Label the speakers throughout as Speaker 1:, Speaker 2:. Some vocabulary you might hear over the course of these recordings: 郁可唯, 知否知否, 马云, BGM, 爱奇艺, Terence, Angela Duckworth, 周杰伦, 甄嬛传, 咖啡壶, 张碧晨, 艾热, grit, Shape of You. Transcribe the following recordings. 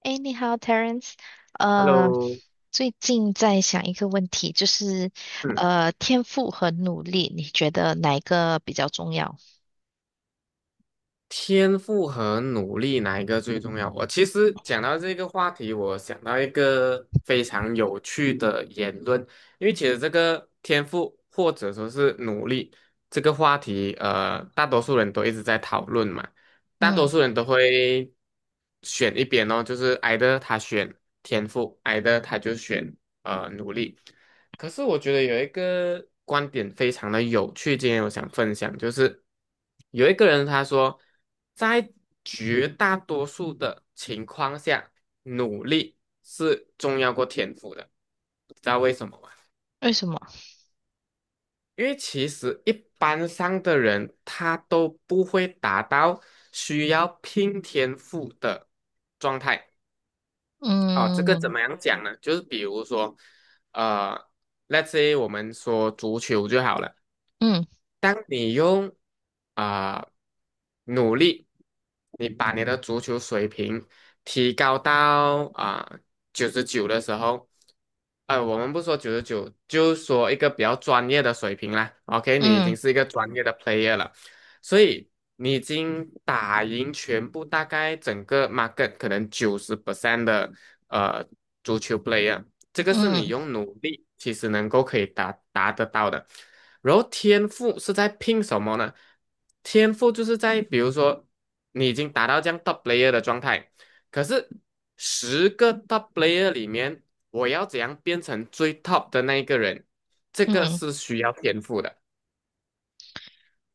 Speaker 1: 哎，你好，Terence。呃，
Speaker 2: Hello，
Speaker 1: 最近在想一个问题，就是
Speaker 2: 嗯，
Speaker 1: 天赋和努力，你觉得哪一个比较重要？
Speaker 2: 天赋和努力哪一个最重要？我其实讲到这个话题，我想到一个非常有趣的言论，因为其实这个天赋或者说是努力这个话题，大多数人都一直在讨论嘛，大多
Speaker 1: 嗯，
Speaker 2: 数人都会选一边哦，就是 either 他选天赋，either 他就选努力。可是我觉得有一个观点非常的有趣，今天我想分享，就是有一个人他说，在绝大多数的情况下，努力是重要过天赋的，知道为什么吗？
Speaker 1: 为什么？
Speaker 2: 因为其实一般上的人他都不会达到需要拼天赋的状态哦。这个怎
Speaker 1: 嗯
Speaker 2: 么样讲呢？就是比如说，呃，let's say 我们说足球就好了。
Speaker 1: 嗯
Speaker 2: 当你用啊、努力，你把你的足球水平提高到九十九的时候，我们不说九十九，就说一个比较专业的水平啦。OK，你已经
Speaker 1: 嗯
Speaker 2: 是一个专业的 player 了，所以你已经打赢全部大概整个 market 可能九十 percent 的呃足球 player。这个是你
Speaker 1: 嗯
Speaker 2: 用努力其实能够可以达得到的。然后天赋是在拼什么呢？天赋就是在比如说你已经达到这样 top player 的状态，可是10个 top player 里面，我要怎样变成最 top 的那一个人？这个
Speaker 1: 嗯
Speaker 2: 是需要天赋的。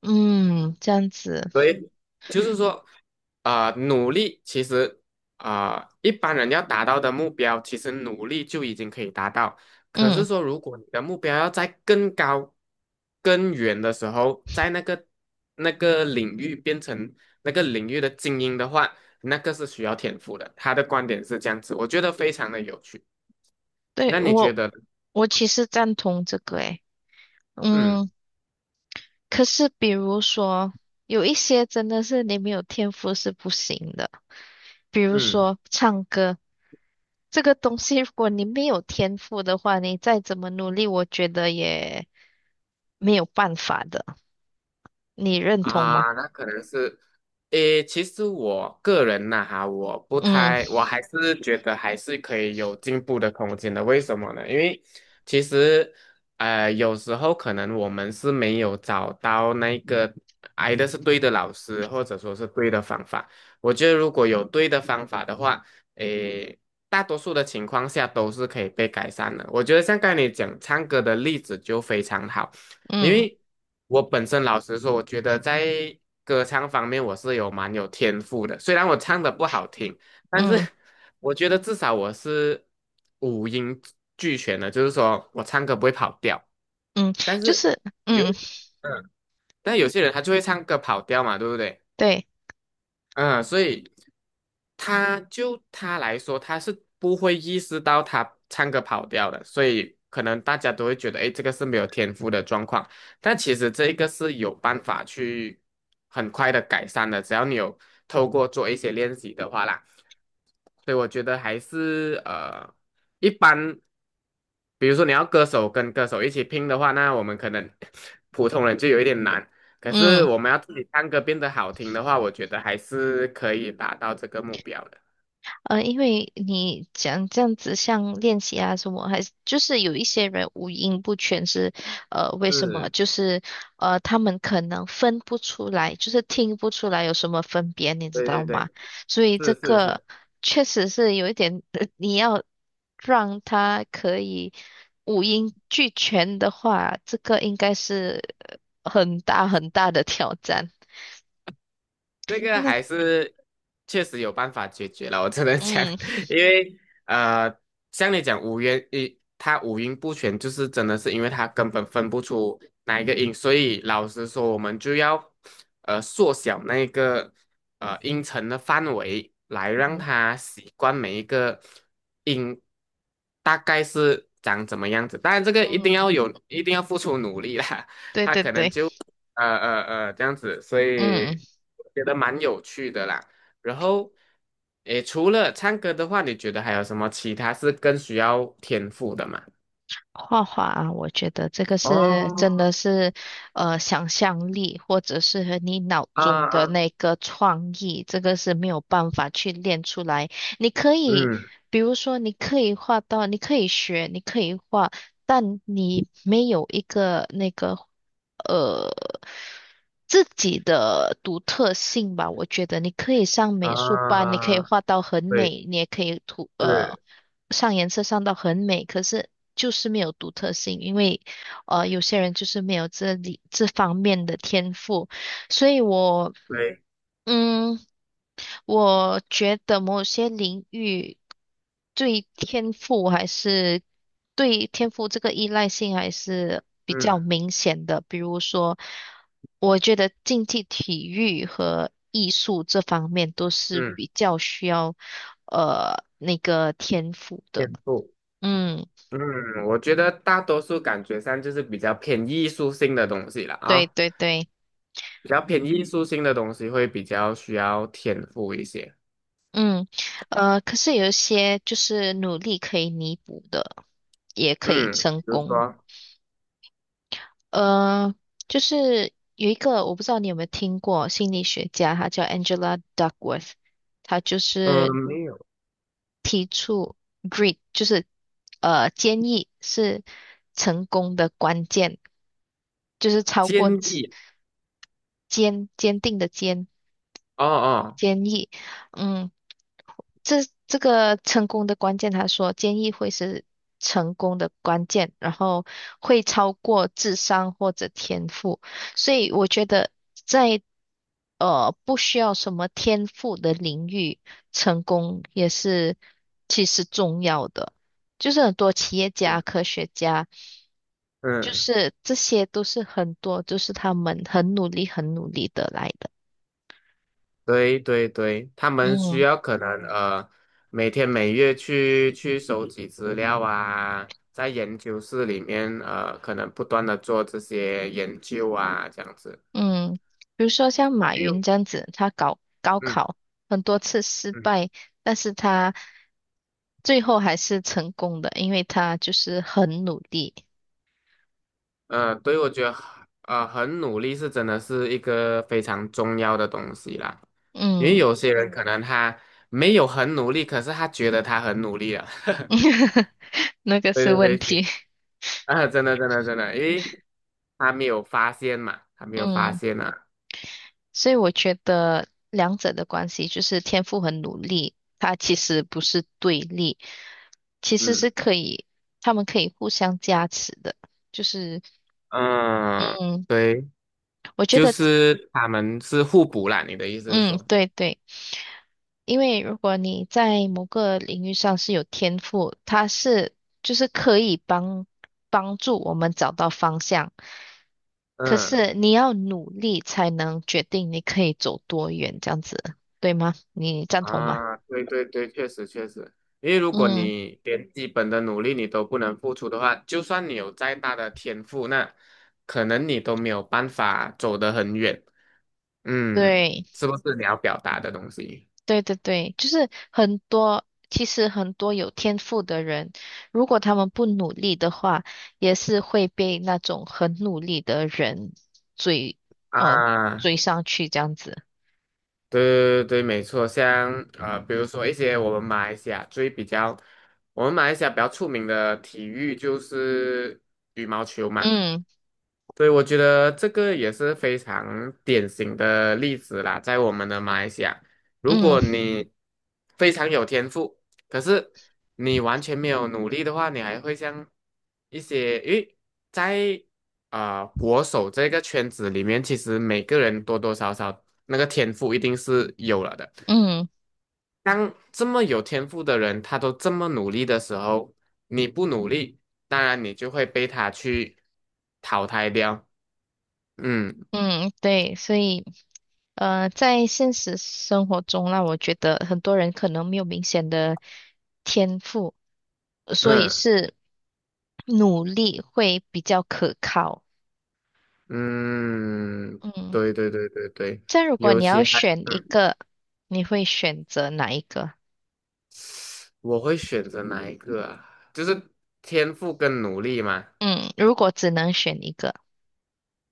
Speaker 1: 嗯，这样子。
Speaker 2: 对，就是说，努力其实，一般人要达到的目标，其实努力就已经可以达到。可是
Speaker 1: 嗯，
Speaker 2: 说，如果你的目标要在更高、更远的时候，在那个领域变成那个领域的精英的话，那个是需要天赋的。他的观点是这样子，我觉得非常的有趣。那
Speaker 1: 对，
Speaker 2: 你觉
Speaker 1: 我
Speaker 2: 得呢？
Speaker 1: 我其实赞同这个诶。嗯，
Speaker 2: 嗯
Speaker 1: 可是比如说有一些真的是你没有天赋是不行的，比如
Speaker 2: 嗯，
Speaker 1: 说唱歌。这个东西，如果你没有天赋的话，你再怎么努力，我觉得也没有办法的。你认同吗？
Speaker 2: 啊，那可能是。诶，其实我个人呐、哈，我不
Speaker 1: 嗯
Speaker 2: 太，我还是觉得还是可以有进步的空间的。为什么呢？因为其实，有时候可能我们是没有找到那个挨的是对的老师，或者说是对的方法。我觉得如果有对的方法的话，诶，大多数的情况下都是可以被改善的。我觉得像刚才你讲唱歌的例子就非常好。因
Speaker 1: 嗯
Speaker 2: 为我本身老实说，我觉得在歌唱方面我是有蛮有天赋的。虽然我唱的不好听，但是
Speaker 1: 嗯
Speaker 2: 我觉得至少我是五音俱全的，就是说我唱歌不会跑调。
Speaker 1: 嗯，
Speaker 2: 但
Speaker 1: 就
Speaker 2: 是
Speaker 1: 是
Speaker 2: 有一，
Speaker 1: 嗯，
Speaker 2: 嗯，但有些人他就会唱歌跑调嘛，对不对？
Speaker 1: 对，
Speaker 2: 嗯，所以他来说，他是不会意识到他唱歌跑调的，所以可能大家都会觉得，哎，这个是没有天赋的状况。但其实这一个是有办法去很快的改善的，只要你有透过做一些练习的话啦。所以我觉得还是一般，比如说你要歌手跟歌手一起拼的话，那我们可能 普通人就有一点难。可是
Speaker 1: 嗯。
Speaker 2: 我们要自己唱歌变得好听的话，我觉得还是可以达到这个目标的。
Speaker 1: 因为你讲这样子，像练习啊什么，还是就是有一些人五音不全是，呃，为什么？
Speaker 2: 是，
Speaker 1: 就是他们可能分不出来，就是听不出来有什么分别，你知
Speaker 2: 对对
Speaker 1: 道吗？
Speaker 2: 对，
Speaker 1: 所以这
Speaker 2: 是是
Speaker 1: 个
Speaker 2: 是。
Speaker 1: 确实是有一点，你要让他可以五音俱全的话，这个应该是很大很大的挑战。
Speaker 2: 这 个
Speaker 1: 那
Speaker 2: 还是确实有办法解决了，我只能讲，
Speaker 1: 嗯
Speaker 2: 因为呃，像你讲五音一，他五音不全，就是真的是因为他根本分不出哪一个音，所以老实说，我们就要缩小那个音程的范围，来让
Speaker 1: 嗯
Speaker 2: 他习惯每一个音大概是长怎么样子。当然，这个一定
Speaker 1: 嗯，
Speaker 2: 要有，一定要付出努力啦。
Speaker 1: 对对对，
Speaker 2: 这样子，所以
Speaker 1: 嗯。
Speaker 2: 我觉得蛮有趣的啦。然后，诶，除了唱歌的话，你觉得还有什么其他是更需要天赋的吗？
Speaker 1: 画画啊，我觉得这个是真
Speaker 2: 哦，
Speaker 1: 的是，呃，想象力或者是和你脑
Speaker 2: 啊
Speaker 1: 中的
Speaker 2: 啊，
Speaker 1: 那个创意，这个是没有办法去练出来。你可以，
Speaker 2: 嗯
Speaker 1: 比如说，你可以画到，你可以学，你可以画，但你没有一个那个。呃自己的独特性吧。我觉得你可以上美术班，你可以
Speaker 2: 啊，
Speaker 1: 画到很
Speaker 2: 对，
Speaker 1: 美，你也可以涂
Speaker 2: 是，
Speaker 1: 上颜色上到很美，可是就是没有独特性，因为有些人就是没有这里这方面的天赋，所以我。
Speaker 2: 对，
Speaker 1: 嗯，我觉得某些领域对天赋还是对天赋这个依赖性还是比
Speaker 2: 嗯
Speaker 1: 较明显的。比如说，我觉得竞技体育和艺术这方面都是
Speaker 2: 嗯，
Speaker 1: 比较需要那个天赋的。
Speaker 2: 天赋，
Speaker 1: 嗯，
Speaker 2: 嗯，我觉得大多数感觉上就是比较偏艺术性的东西了
Speaker 1: 对
Speaker 2: 啊，
Speaker 1: 对对，
Speaker 2: 比较偏艺术性的东西会比较需要天赋一些。
Speaker 1: 嗯，呃，可是有一些就是努力可以弥补的，也可以
Speaker 2: 嗯，
Speaker 1: 成
Speaker 2: 比如
Speaker 1: 功。
Speaker 2: 说，
Speaker 1: 呃，就是有一个我不知道你有没有听过心理学家，他叫 Angela Duckworth，她就
Speaker 2: 嗯，
Speaker 1: 是
Speaker 2: 没有
Speaker 1: 提出 grit，就是坚毅是成功的关键，就是超
Speaker 2: 建
Speaker 1: 过
Speaker 2: 议。
Speaker 1: 坚坚定的坚
Speaker 2: 哦哦，
Speaker 1: 坚毅，嗯，这这个成功的关键，他说坚毅会是成功的关键，然后会超过智商或者天赋，所以我觉得在不需要什么天赋的领域，成功也是其实重要的。就是很多企业家、
Speaker 2: 嗯，
Speaker 1: 科学家，就
Speaker 2: 嗯，
Speaker 1: 是这些都是很多，就是他们很努力、很努力得来的。
Speaker 2: 对对对，他们需
Speaker 1: 嗯。
Speaker 2: 要可能每天每月去收集资料啊，在研究室里面可能不断的做这些研究啊，这样子。
Speaker 1: 嗯，比如说像马
Speaker 2: 没有，
Speaker 1: 云这样子，他搞高
Speaker 2: 嗯
Speaker 1: 考很多次失
Speaker 2: 嗯，
Speaker 1: 败，但是他最后还是成功的，因为他就是很努力。
Speaker 2: 对，我觉得很努力是真的是一个非常重要的东西啦，因为
Speaker 1: 嗯，
Speaker 2: 有些人可能他没有很努力，可是他觉得他很努力了。
Speaker 1: 那个是
Speaker 2: 对
Speaker 1: 问
Speaker 2: 对对，
Speaker 1: 题。
Speaker 2: 啊，真的真的真的，因为他没有发现嘛，他没有发
Speaker 1: 嗯，
Speaker 2: 现啊，
Speaker 1: 所以我觉得两者的关系就是天赋和努力，它其实不是对立，其实是
Speaker 2: 嗯
Speaker 1: 可以，他们可以互相加持的。就是，
Speaker 2: 嗯，
Speaker 1: 嗯，
Speaker 2: 对，
Speaker 1: 我觉
Speaker 2: 就
Speaker 1: 得，
Speaker 2: 是他们是互补啦，你的意思是
Speaker 1: 嗯，
Speaker 2: 说，
Speaker 1: 对对。因为如果你在某个领域上是有天赋，它是就是可以帮助我们找到方向。可
Speaker 2: 嗯
Speaker 1: 是你要努力才能决定你可以走多远，这样子，对吗？你赞同吗？
Speaker 2: 啊，对对对，确实确实，因为如果
Speaker 1: 嗯，
Speaker 2: 你连基本的努力你都不能付出的话，就算你有再大的天赋，那可能你都没有办法走得很远，嗯，
Speaker 1: 对，
Speaker 2: 是不是你要表达的东西
Speaker 1: 对对对，就是很多，其实很多有天赋的人，如果他们不努力的话，也是会被那种很努力的人追，呃，
Speaker 2: 啊？
Speaker 1: 追上去这样子。
Speaker 2: 对对对，没错，像比如说一些我们马来西亚最比较，我们马来西亚比较出名的体育就是羽毛球嘛。
Speaker 1: 嗯
Speaker 2: 对，我觉得这个也是非常典型的例子啦，在我们的马来西亚，如
Speaker 1: 嗯
Speaker 2: 果你非常有天赋，可是你完全没有努力的话，你还会像一些，因为在国手这个圈子里面，其实每个人多多少少那个天赋一定是有了的。
Speaker 1: 嗯
Speaker 2: 当这么有天赋的人，他都这么努力的时候，你不努力，当然你就会被他去淘汰掉。嗯。
Speaker 1: 嗯，对，所以在现实生活中啦，我觉得很多人可能没有明显的天赋，所以
Speaker 2: 嗯
Speaker 1: 是努力会比较可靠。
Speaker 2: 嗯，
Speaker 1: 嗯，
Speaker 2: 对对对对对，
Speaker 1: 这样如果
Speaker 2: 尤
Speaker 1: 你要
Speaker 2: 其还，
Speaker 1: 选一个，你会选择哪一个？
Speaker 2: 我会选择哪一个啊？就是天赋跟努力嘛。
Speaker 1: 嗯，如果只能选一个，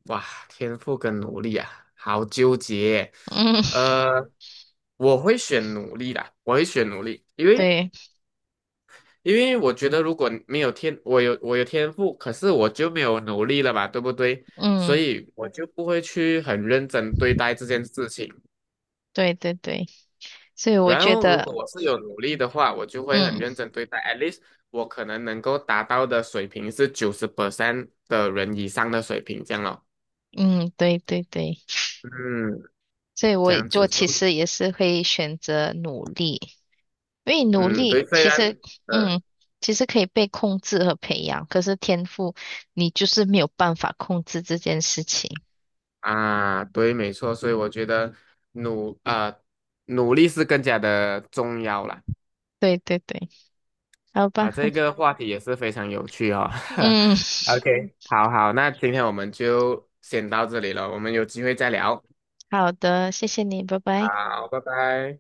Speaker 2: 哇，天赋跟努力啊，好纠结。
Speaker 1: 嗯，
Speaker 2: 呃，我会选努力啦，我会选努力，
Speaker 1: 对，
Speaker 2: 因为我觉得如果没有天，我有天赋，可是我就没有努力了嘛，对不对？所
Speaker 1: 嗯，
Speaker 2: 以我就不会去很认真对待这件事情。
Speaker 1: 对对对，所以我
Speaker 2: 然
Speaker 1: 觉
Speaker 2: 后，如果
Speaker 1: 得，
Speaker 2: 我是有努力的话，我就会很
Speaker 1: 嗯
Speaker 2: 认真对待。at least 我可能能够达到的水平是九十 percent 的人以上的水平，这样咯。
Speaker 1: 嗯，对对对，
Speaker 2: 嗯，
Speaker 1: 所以
Speaker 2: 这
Speaker 1: 我
Speaker 2: 样
Speaker 1: 我
Speaker 2: 子说
Speaker 1: 其实也是会选择努力。因为努
Speaker 2: 嗯，
Speaker 1: 力
Speaker 2: 对，虽
Speaker 1: 其实，
Speaker 2: 然，呃
Speaker 1: 嗯，其实可以被控制和培养，可是天赋你就是没有办法控制这件事情。
Speaker 2: 啊，对，没错，所以我觉得努啊、努力是更加的重要啦。
Speaker 1: 对对对，好吧，
Speaker 2: 啊，这 个话题也是非常有趣哦。
Speaker 1: 嗯，
Speaker 2: OK，好好，那今天我们就先到这里了，我们有机会再聊。
Speaker 1: 好的，谢谢你，拜拜。
Speaker 2: 好，拜拜。